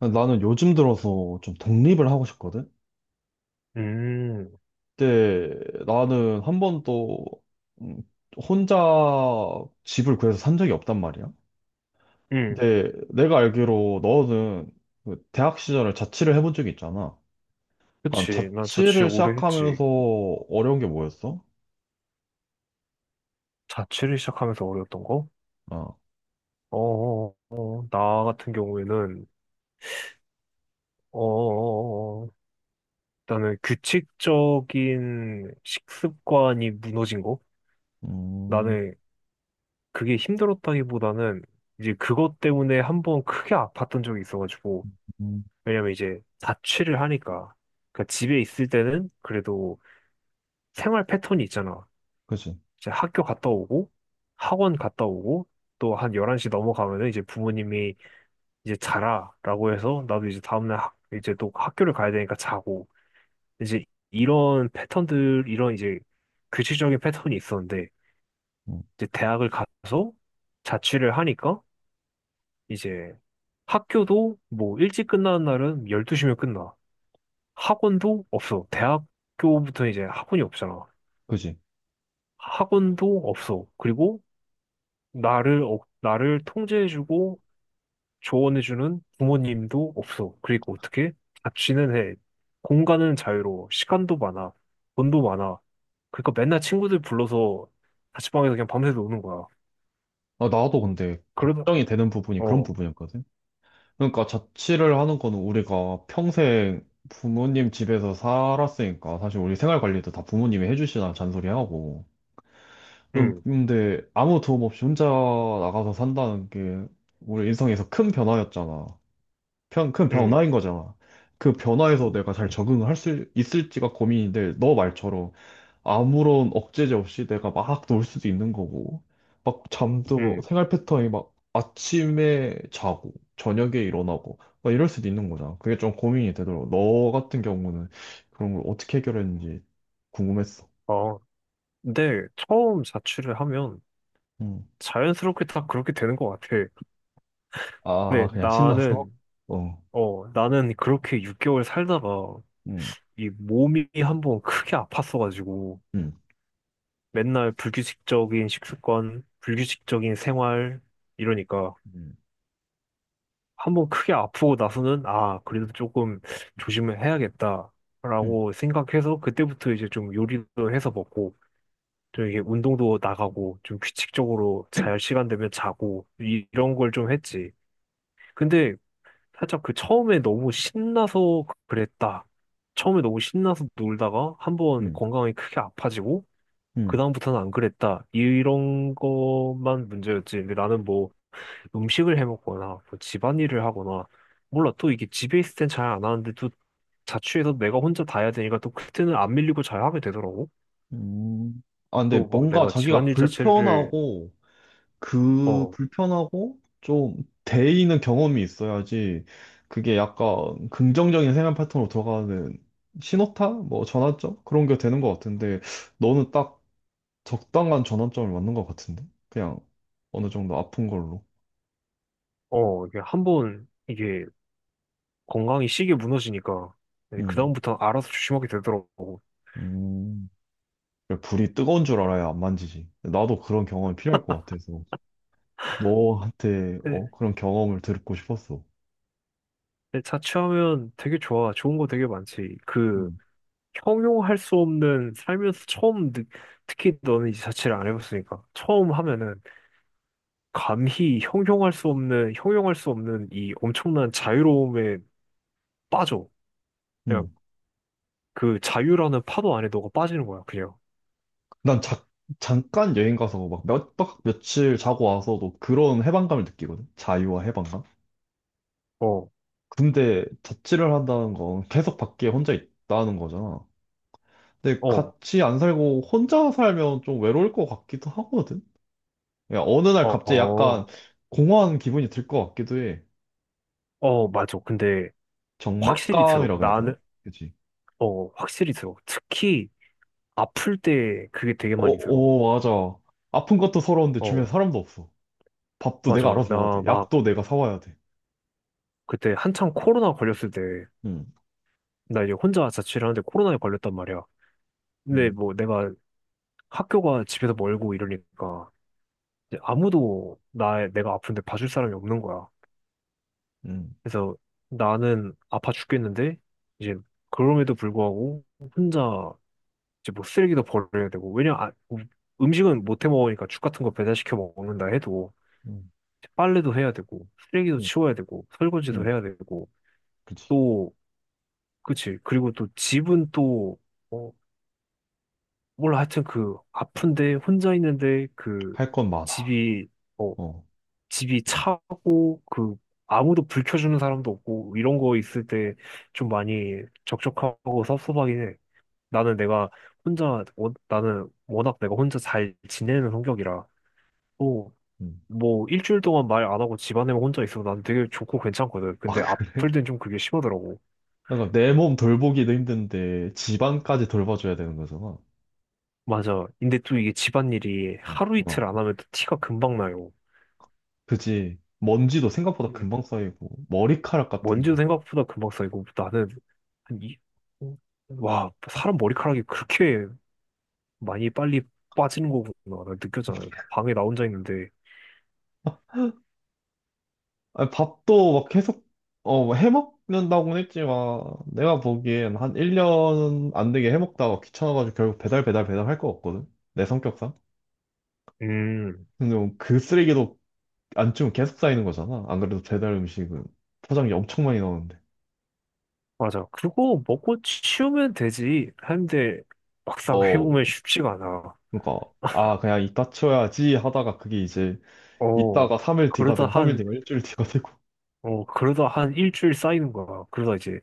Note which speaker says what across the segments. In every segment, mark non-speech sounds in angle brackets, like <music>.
Speaker 1: 나는 요즘 들어서 좀 독립을 하고 싶거든?
Speaker 2: 음.
Speaker 1: 근데 나는 한 번도 음, 혼자 집을 구해서 산 적이 없단 말이야.
Speaker 2: 음.
Speaker 1: 근데 내가 알기로 너는 그 대학 시절을 자취를 해본 적이 있잖아. 그러니까
Speaker 2: 그치. 난 자취
Speaker 1: 자취를
Speaker 2: 오래 했지.
Speaker 1: 시작하면서 어려운 게 뭐였어?
Speaker 2: 자취를 시작하면서 어려웠던 거?
Speaker 1: 아,
Speaker 2: 어, 어, 어, 어. 나 같은 경우에는, 어, 어, 어, 어. 나는 규칙적인 식습관이 무너진 거?
Speaker 1: 음,
Speaker 2: 나는 그게 힘들었다기보다는 이제 그것 때문에 한번 크게 아팠던 적이 있어가지고,
Speaker 1: 음,
Speaker 2: 왜냐면 이제 자취를 하니까. 그러니까 집에 있을 때는 그래도 생활 패턴이 있잖아.
Speaker 1: 그지.
Speaker 2: 이제 학교 갔다 오고 학원 갔다 오고 또 한 11시 넘어가면은 이제 부모님이 이제 자라라고 해서 나도 이제 다음날 이제 또 학교를 가야 되니까 자고 이제 이런 패턴들 이런 이제 규칙적인 패턴이 있었는데
Speaker 1: 음,
Speaker 2: 이제 대학을 가서 자취를 하니까 이제 학교도 뭐 일찍 끝나는 날은 12시면 끝나. 학원도 없어. 대학교부터 이제 학원이 없잖아.
Speaker 1: 그지.
Speaker 2: 학원도 없어. 그리고 나를 통제해주고 조언해주는 부모님도 없어. 그리고 어떻게? 자취는 해. 공간은 자유로워. 시간도 많아. 돈도 많아. 그러니까 맨날 친구들 불러서 자취방에서 그냥 밤새 노는 거야.
Speaker 1: 아, 나도 근데
Speaker 2: 그러다,
Speaker 1: 걱정이 되는 부분이 그런
Speaker 2: 어,
Speaker 1: 부분이었거든. 그러니까 자취를 하는 거는 우리가 평생 부모님 집에서 살았으니까 사실 우리 생활 관리도 다 부모님이 해주시나 잔소리하고.
Speaker 2: 응,
Speaker 1: 근데 아무 도움 없이 혼자 나가서 산다는 게 우리 인생에서 큰 변화였잖아. 큰
Speaker 2: 응,
Speaker 1: 변화인 거잖아. 그 변화에서 내가 잘 적응을 할 수 있을지가 고민인데 너 말처럼 아무런 억제제 없이 내가 막 놀 수도 있는 거고, 막 잠도
Speaker 2: 응.
Speaker 1: 생활 패턴이 막 아침에 자고, 저녁에 일어나고, 막 이럴 수도 있는 거잖아. 그게 좀 고민이 되더라고. 너 같은 경우는 그런 걸 어떻게 해결했는지 궁금했어.
Speaker 2: 어, 근데 처음 자취를 하면
Speaker 1: 음.
Speaker 2: 자연스럽게 다 그렇게 되는 것 같아.
Speaker 1: 아,
Speaker 2: 근데
Speaker 1: 그냥 신나서?
Speaker 2: 나는,
Speaker 1: 어,
Speaker 2: 어, 나는 그렇게 6개월 살다가
Speaker 1: 음.
Speaker 2: 이 몸이 한번 크게 아팠어가지고
Speaker 1: 음,
Speaker 2: 맨날 불규칙적인 식습관, 불규칙적인 생활, 이러니까
Speaker 1: 음.
Speaker 2: 한번 크게 아프고 나서는 아, 그래도 조금 조심을
Speaker 1: 음,
Speaker 2: 해야겠다라고 생각해서 그때부터 이제 좀 요리도 해서 먹고 좀 이게 운동도 나가고 좀 규칙적으로 잘 시간 되면 자고 이런 걸 좀 했지. 근데 살짝 그 처음에 너무 신나서 그랬다. 처음에 너무 신나서 놀다가 한번
Speaker 1: 음,
Speaker 2: 건강이 크게 아파지고
Speaker 1: 음.
Speaker 2: 그다음부터는 안 그랬다. 이런 것만 문제였지. 근데 나는 뭐 음식을 해 먹거나 뭐 집안일을 하거나 몰라. 또 이게 집에 있을 땐 잘 안 하는데 또 자취해서 내가 혼자 다 해야 되니까 또 그때는 안 밀리고 잘 하게 되더라고.
Speaker 1: 음. 아, 근데
Speaker 2: 또 막
Speaker 1: 뭔가
Speaker 2: 내가
Speaker 1: 자기가
Speaker 2: 집안일 자체를
Speaker 1: 불편하고, 그
Speaker 2: 어,
Speaker 1: 불편하고 좀 데이는 경험이 있어야지 그게 약간 긍정적인 생활 패턴으로 들어가는 신호타? 뭐 전환점? 그런 게 되는 것 같은데 너는 딱 적당한 전환점을 맞는 것 같은데? 그냥 어느 정도 아픈 걸로.
Speaker 2: 이게 한번 이게 건강이 시계 무너지니까 네,
Speaker 1: 음.
Speaker 2: 그다음부터 알아서 조심하게 되더라고.
Speaker 1: 음. 불이 뜨거운 줄 알아야 안 만지지. 나도 그런 경험이 필요할 것 같아서 너한테 어?
Speaker 2: 근데
Speaker 1: 그런 경험을 듣고 싶었어.
Speaker 2: 근데 자취하면 되게 좋아. 좋은 거 되게 많지. 그
Speaker 1: 음.
Speaker 2: 형용할 수 없는 살면서 특히 너는 이 자취를 안 해봤으니까 처음 하면은 감히 형용할 수 없는 형용할 수 없는 이 엄청난 자유로움에 빠져 그냥
Speaker 1: 음.
Speaker 2: 그 자유라는 파도 안에 너가 빠지는 거야 그냥.
Speaker 1: 난 자, 잠깐 여행 가서 막 몇 박 며칠 자고 와서도 그런 해방감을 느끼거든. 자유와 해방감. 근데 자취를 한다는 건 계속 밖에 혼자 있다는 거잖아. 근데 같이 안 살고 혼자 살면 좀 외로울 것 같기도 하거든. 야, 어느 날 갑자기
Speaker 2: 어어어어어.
Speaker 1: 약간 공허한 기분이 들 것 같기도 해.
Speaker 2: 맞아. 근데 확실히 들어
Speaker 1: 적막감이라고 해야 되나?
Speaker 2: 나는.
Speaker 1: 그치?
Speaker 2: 확실히 들어 특히 아플 때 그게 되게
Speaker 1: 어,
Speaker 2: 많이 들어.
Speaker 1: 어, 맞아. 아픈 것도 서러운데 주변에
Speaker 2: 어,
Speaker 1: 사람도 없어. 밥도
Speaker 2: 맞아.
Speaker 1: 내가 알아서 먹어야 돼.
Speaker 2: 나 막
Speaker 1: 약도 내가 사와야 돼.
Speaker 2: 그때 한창 코로나 걸렸을 때
Speaker 1: 응,
Speaker 2: 나 이제 혼자 자취를 하는데 코로나에 걸렸단 말이야. 근데
Speaker 1: 응,
Speaker 2: 뭐 내가 학교가 집에서 멀고 이러니까 이제 아무도 나 내가 아픈데 봐줄 사람이 없는 거야.
Speaker 1: 응,
Speaker 2: 그래서 나는 아파 죽겠는데 이제 그럼에도 불구하고 혼자 이제 뭐 쓰레기도 버려야 되고 음식은 못 해 먹으니까 죽 같은 거 배달시켜 먹는다 해도
Speaker 1: 응.
Speaker 2: 빨래도 해야 되고 쓰레기도
Speaker 1: 응.
Speaker 2: 치워야 되고 설거지도
Speaker 1: 응.
Speaker 2: 해야 되고
Speaker 1: 그치.
Speaker 2: 또 그치. 그리고 또 어, 몰라. 하여튼 그 아픈데 혼자 있는데 그
Speaker 1: 할 건 많아.
Speaker 2: 집이 어,
Speaker 1: 어.
Speaker 2: 집이 차고 그 아무도 불 켜주는 사람도 없고 이런 거 있을 때 좀 많이 적적하고 섭섭하긴 해. 나는 나는 워낙 내가 혼자 잘 지내는 성격이라 또
Speaker 1: 음.
Speaker 2: 뭐 일주일 동안 말 안 하고 집안에만 혼자 있어도 난 되게 좋고 괜찮거든. 근데
Speaker 1: 아, <laughs>
Speaker 2: 아플
Speaker 1: 그래?
Speaker 2: 땐 좀 그게 심하더라고.
Speaker 1: 그러니까 내 몸 돌보기도 힘든데 집안까지 돌봐줘야 되는 거잖아.
Speaker 2: 맞아. 근데 또 이게 집안일이 하루
Speaker 1: 어.
Speaker 2: 이틀 안 하면 또 티가 금방 나요.
Speaker 1: 그지. 먼지도 생각보다
Speaker 2: 음.
Speaker 1: 금방 쌓이고 머리카락 같은
Speaker 2: 먼지도
Speaker 1: 거.
Speaker 2: 생각보다 금방 쌓이고 나는 한 이, 와, 사람 머리카락이 그렇게 많이 빨리 빠지는 거구나. 나 느꼈잖아. 방에 나 혼자 있는데.
Speaker 1: 아, 밥도 막 계속 해먹는다고는 했지만 내가 보기엔 한 1년 안 되게 해먹다가 귀찮아가지고 결국 배달 배달 배달 할 거 같거든. 내 성격상.
Speaker 2: 음,
Speaker 1: 근데 뭐 그 쓰레기도 안 치우면 계속 쌓이는 거잖아. 안 그래도 배달 음식은 포장이 엄청 많이 나오는데.
Speaker 2: 맞아. 그거 먹고 치우면 되지. 했는데 막상
Speaker 1: 어,
Speaker 2: 해보면 쉽지가 않아.
Speaker 1: 그러니까 아 그냥 이따 쳐야지 하다가 그게 이제
Speaker 2: 어,
Speaker 1: 이따가 3일 뒤가
Speaker 2: 그러다
Speaker 1: 되고 3일
Speaker 2: 한,
Speaker 1: 뒤가 일주일 뒤가 되고.
Speaker 2: 그러다 한 일주일 쌓이는 거야. 그러다 이제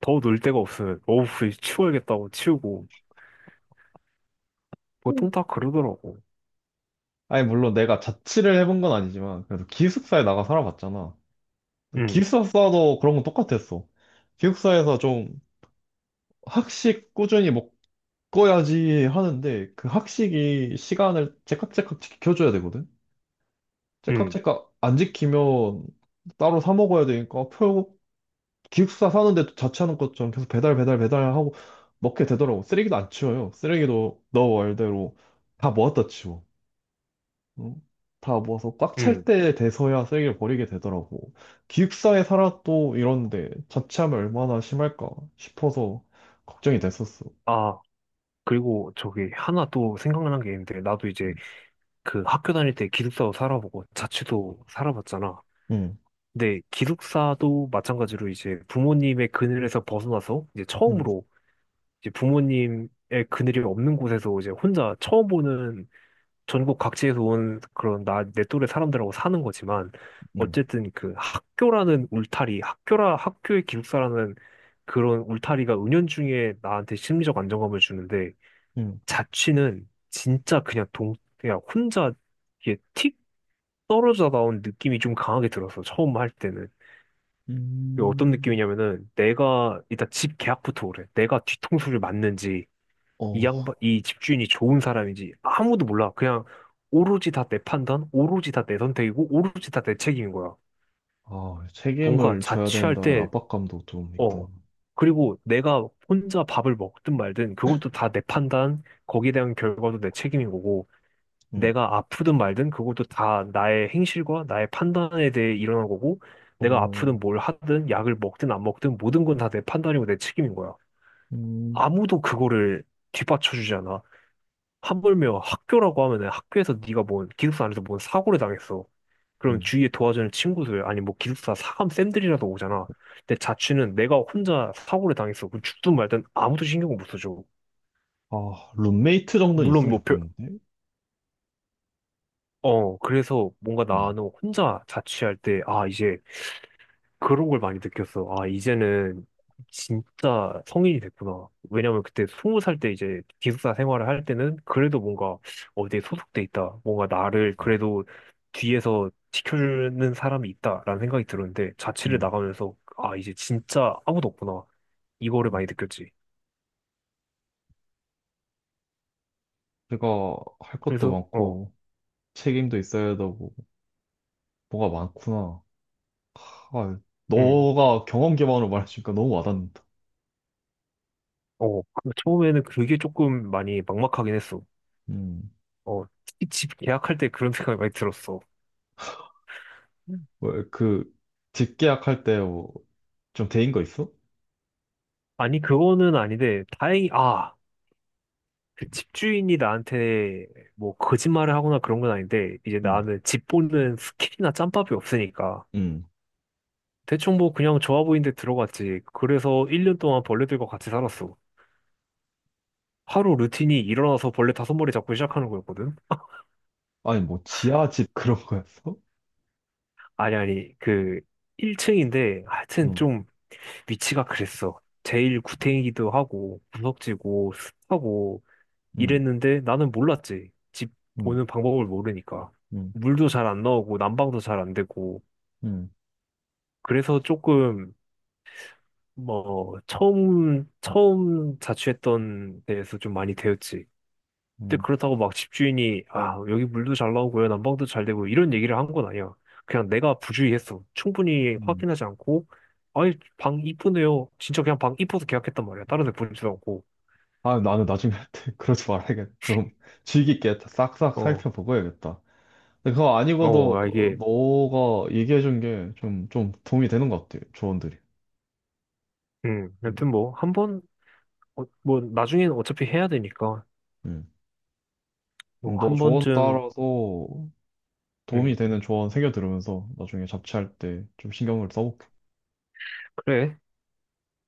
Speaker 2: 더 놀 데가 없으면, 어우, 이거 치워야겠다고 치우고.
Speaker 1: 음.
Speaker 2: 보통 다 그러더라고.
Speaker 1: 아니 물론 내가 자취를 해본 건 아니지만 그래도 기숙사에 나가 살아봤잖아. 근데
Speaker 2: 응,
Speaker 1: 기숙사도 그런 건 똑같았어. 기숙사에서 좀 학식 꾸준히 먹어야지 하는데 그 학식이 시간을 째깍째깍 지켜줘야 되거든.
Speaker 2: 응,
Speaker 1: 째깍째깍 안 지키면 따로 사 먹어야 되니까 기숙사 사는데도 자취하는 것처럼 계속 배달 배달 배달하고 먹게 되더라고. 쓰레기도 안 치워요. 쓰레기도 너 말대로 다 모았다 치워. 응? 다 모아서 꽉 찰
Speaker 2: 응.
Speaker 1: 때 돼서야 쓰레기를 버리게 되더라고. 기숙사에 살아도 이런데 자취하면 얼마나 심할까 싶어서 걱정이 됐었어.
Speaker 2: 아, 그리고 저기 하나 또 생각난 게 있는데, 나도
Speaker 1: 응,
Speaker 2: 이제 그 학교 다닐 때 기숙사도 살아보고 자취도 살아봤잖아.
Speaker 1: 응,
Speaker 2: 네, 기숙사도 마찬가지로 이제 부모님의 그늘에서 벗어나서 이제 처음으로 이제 부모님의 그늘이 없는 곳에서 이제 혼자 처음 보는 전국 각지에서 온 그런 내 또래 사람들하고 사는 거지만
Speaker 1: 응,
Speaker 2: 어쨌든 그 학교라는 울타리, 학교의 기숙사라는 그런 울타리가 은연중에 나한테 심리적 안정감을 주는데
Speaker 1: 응.
Speaker 2: 자취는 진짜 그냥 그냥 혼자 이게 틱 떨어져 나온 느낌이 좀 강하게 들었어, 처음 할 때는. 그게 어떤
Speaker 1: 음,
Speaker 2: 느낌이냐면은 내가 일단 집 계약부터 그래. 내가 뒤통수를 맞는지 이
Speaker 1: 어,
Speaker 2: 양반 이 집주인이 좋은 사람인지 아무도 몰라. 그냥 오로지 다 내 판단, 오로지 다 내 선택이고 오로지 다 내 책임인 거야.
Speaker 1: 아,
Speaker 2: 뭔가
Speaker 1: 책임을 져야
Speaker 2: 자취할
Speaker 1: 된다는
Speaker 2: 때
Speaker 1: 압박감도 좀
Speaker 2: 어.
Speaker 1: 있구나.
Speaker 2: 그리고 내가 혼자 밥을 먹든 말든 그것도 다 내 판단, 거기에 대한 결과도 내 책임인 거고.
Speaker 1: 응,
Speaker 2: 내가 아프든 말든 그것도 다 나의 행실과 나의 판단에 대해 일어난 거고 내가
Speaker 1: 어,
Speaker 2: 아프든 뭘 하든 약을 먹든 안 먹든 모든 건 다 내 판단이고 내 책임인 거야.
Speaker 1: 음,
Speaker 2: 아무도 그거를 뒷받쳐 주지 않아. 하물며 학교라고 하면은 학교에서 네가 뭔 기숙사 안에서 뭔 사고를 당했어. 그럼
Speaker 1: 음.
Speaker 2: 주위에 도와주는 친구들 아니 뭐 기숙사 사감 쌤들이라도 오잖아. 내 자취는 내가 혼자 사고를 당했어. 그럼 죽든 말든 아무도 신경을 못 써줘.
Speaker 1: 아, 룸메이트 정도는
Speaker 2: 물론
Speaker 1: 있으면
Speaker 2: 뭐 별,
Speaker 1: 좋겠는데?
Speaker 2: 어, 그래서 뭔가
Speaker 1: 음,
Speaker 2: 나는 혼자 자취할 때, 아, 이제 그런 걸 많이 느꼈어. 아, 이제는 진짜 성인이 됐구나. 왜냐면 그때 20살 때 이제 기숙사 생활을 할 때는 그래도 뭔가 어디에 소속돼 있다. 뭔가 나를
Speaker 1: 음,
Speaker 2: 그래도 뒤에서 지켜주는 사람이 있다라는 생각이 들었는데 자취를
Speaker 1: 음,
Speaker 2: 나가면서 아, 이제 진짜 아무도 없구나. 이거를
Speaker 1: 음.
Speaker 2: 많이 느꼈지.
Speaker 1: 내가 할 것도
Speaker 2: 그래서
Speaker 1: 많고, 책임도 있어야 되고, 뭐가 많구나. 아,
Speaker 2: 음,
Speaker 1: 너가 경험 기반으로 말해주니까 너무 와닿는다.
Speaker 2: 그 처음에는 그게 조금 많이 막막하긴 했어.
Speaker 1: 음.
Speaker 2: 특히 집 계약할 때 그런 생각이 많이 들었어.
Speaker 1: 왜, 그, 집계약할 때 뭐, 좀 대인 거 있어?
Speaker 2: 아니, 그거는 아닌데, 다행히, 아, 그 집주인이 나한테 뭐 거짓말을 하거나 그런 건 아닌데 이제
Speaker 1: 음,
Speaker 2: 나는 집 보는 스킬이나 짬밥이 없으니까
Speaker 1: 음.
Speaker 2: 대충 뭐 그냥 좋아 보이는데 들어갔지. 그래서 1년 동안 벌레들과 같이 살았어. 하루 루틴이 일어나서 벌레 다섯 마리 잡고 시작하는 거였거든. <laughs>
Speaker 1: 아니, 뭐, 지하집 <laughs> 그런 거였어?
Speaker 2: 아니, 아니, 그 1층인데 하여튼
Speaker 1: 음,
Speaker 2: 좀 위치가 그랬어. 제일 구탱이기도 하고 구석지고 습하고
Speaker 1: 음,
Speaker 2: 이랬는데 나는 몰랐지. 집
Speaker 1: 음,
Speaker 2: 보는 방법을 모르니까.
Speaker 1: 음,
Speaker 2: 물도 잘 안 나오고 난방도 잘 안 되고
Speaker 1: 음,
Speaker 2: 그래서 조금 뭐 처음 자취했던 데에서 좀 많이 데였지. 근데
Speaker 1: 음.
Speaker 2: 그렇다고 막 집주인이 아 여기 물도 잘 나오고요 난방도 잘 되고 이런 얘기를 한 건 아니야. 그냥 내가 부주의했어. 충분히
Speaker 1: 음.
Speaker 2: 확인하지 않고 아이 방 이쁘네요. 진짜 그냥 방 이뻐서 계약했단 말이야. 다른 데 보지도 않고.
Speaker 1: 아, 나는 나중에 할 때 <laughs> 그러지 말아야겠다. 좀 주의 깊게 싹싹
Speaker 2: 어,
Speaker 1: 살펴보고 해야겠다. 근데 그거 아니고도 어,
Speaker 2: 이게
Speaker 1: 너가 얘기해준 게 좀, 좀 도움이 되는 것 같아, 조언들이. 음.
Speaker 2: 여튼 뭐 한 번 뭐 나중엔 어차피 해야 되니까
Speaker 1: 음. 그럼
Speaker 2: 뭐
Speaker 1: 너
Speaker 2: 한
Speaker 1: 조언
Speaker 2: 번쯤
Speaker 1: 따라서 도움이
Speaker 2: 음
Speaker 1: 되는 조언 새겨 들으면서 나중에 잡지할 때 좀 신경을 써볼게.
Speaker 2: 그래.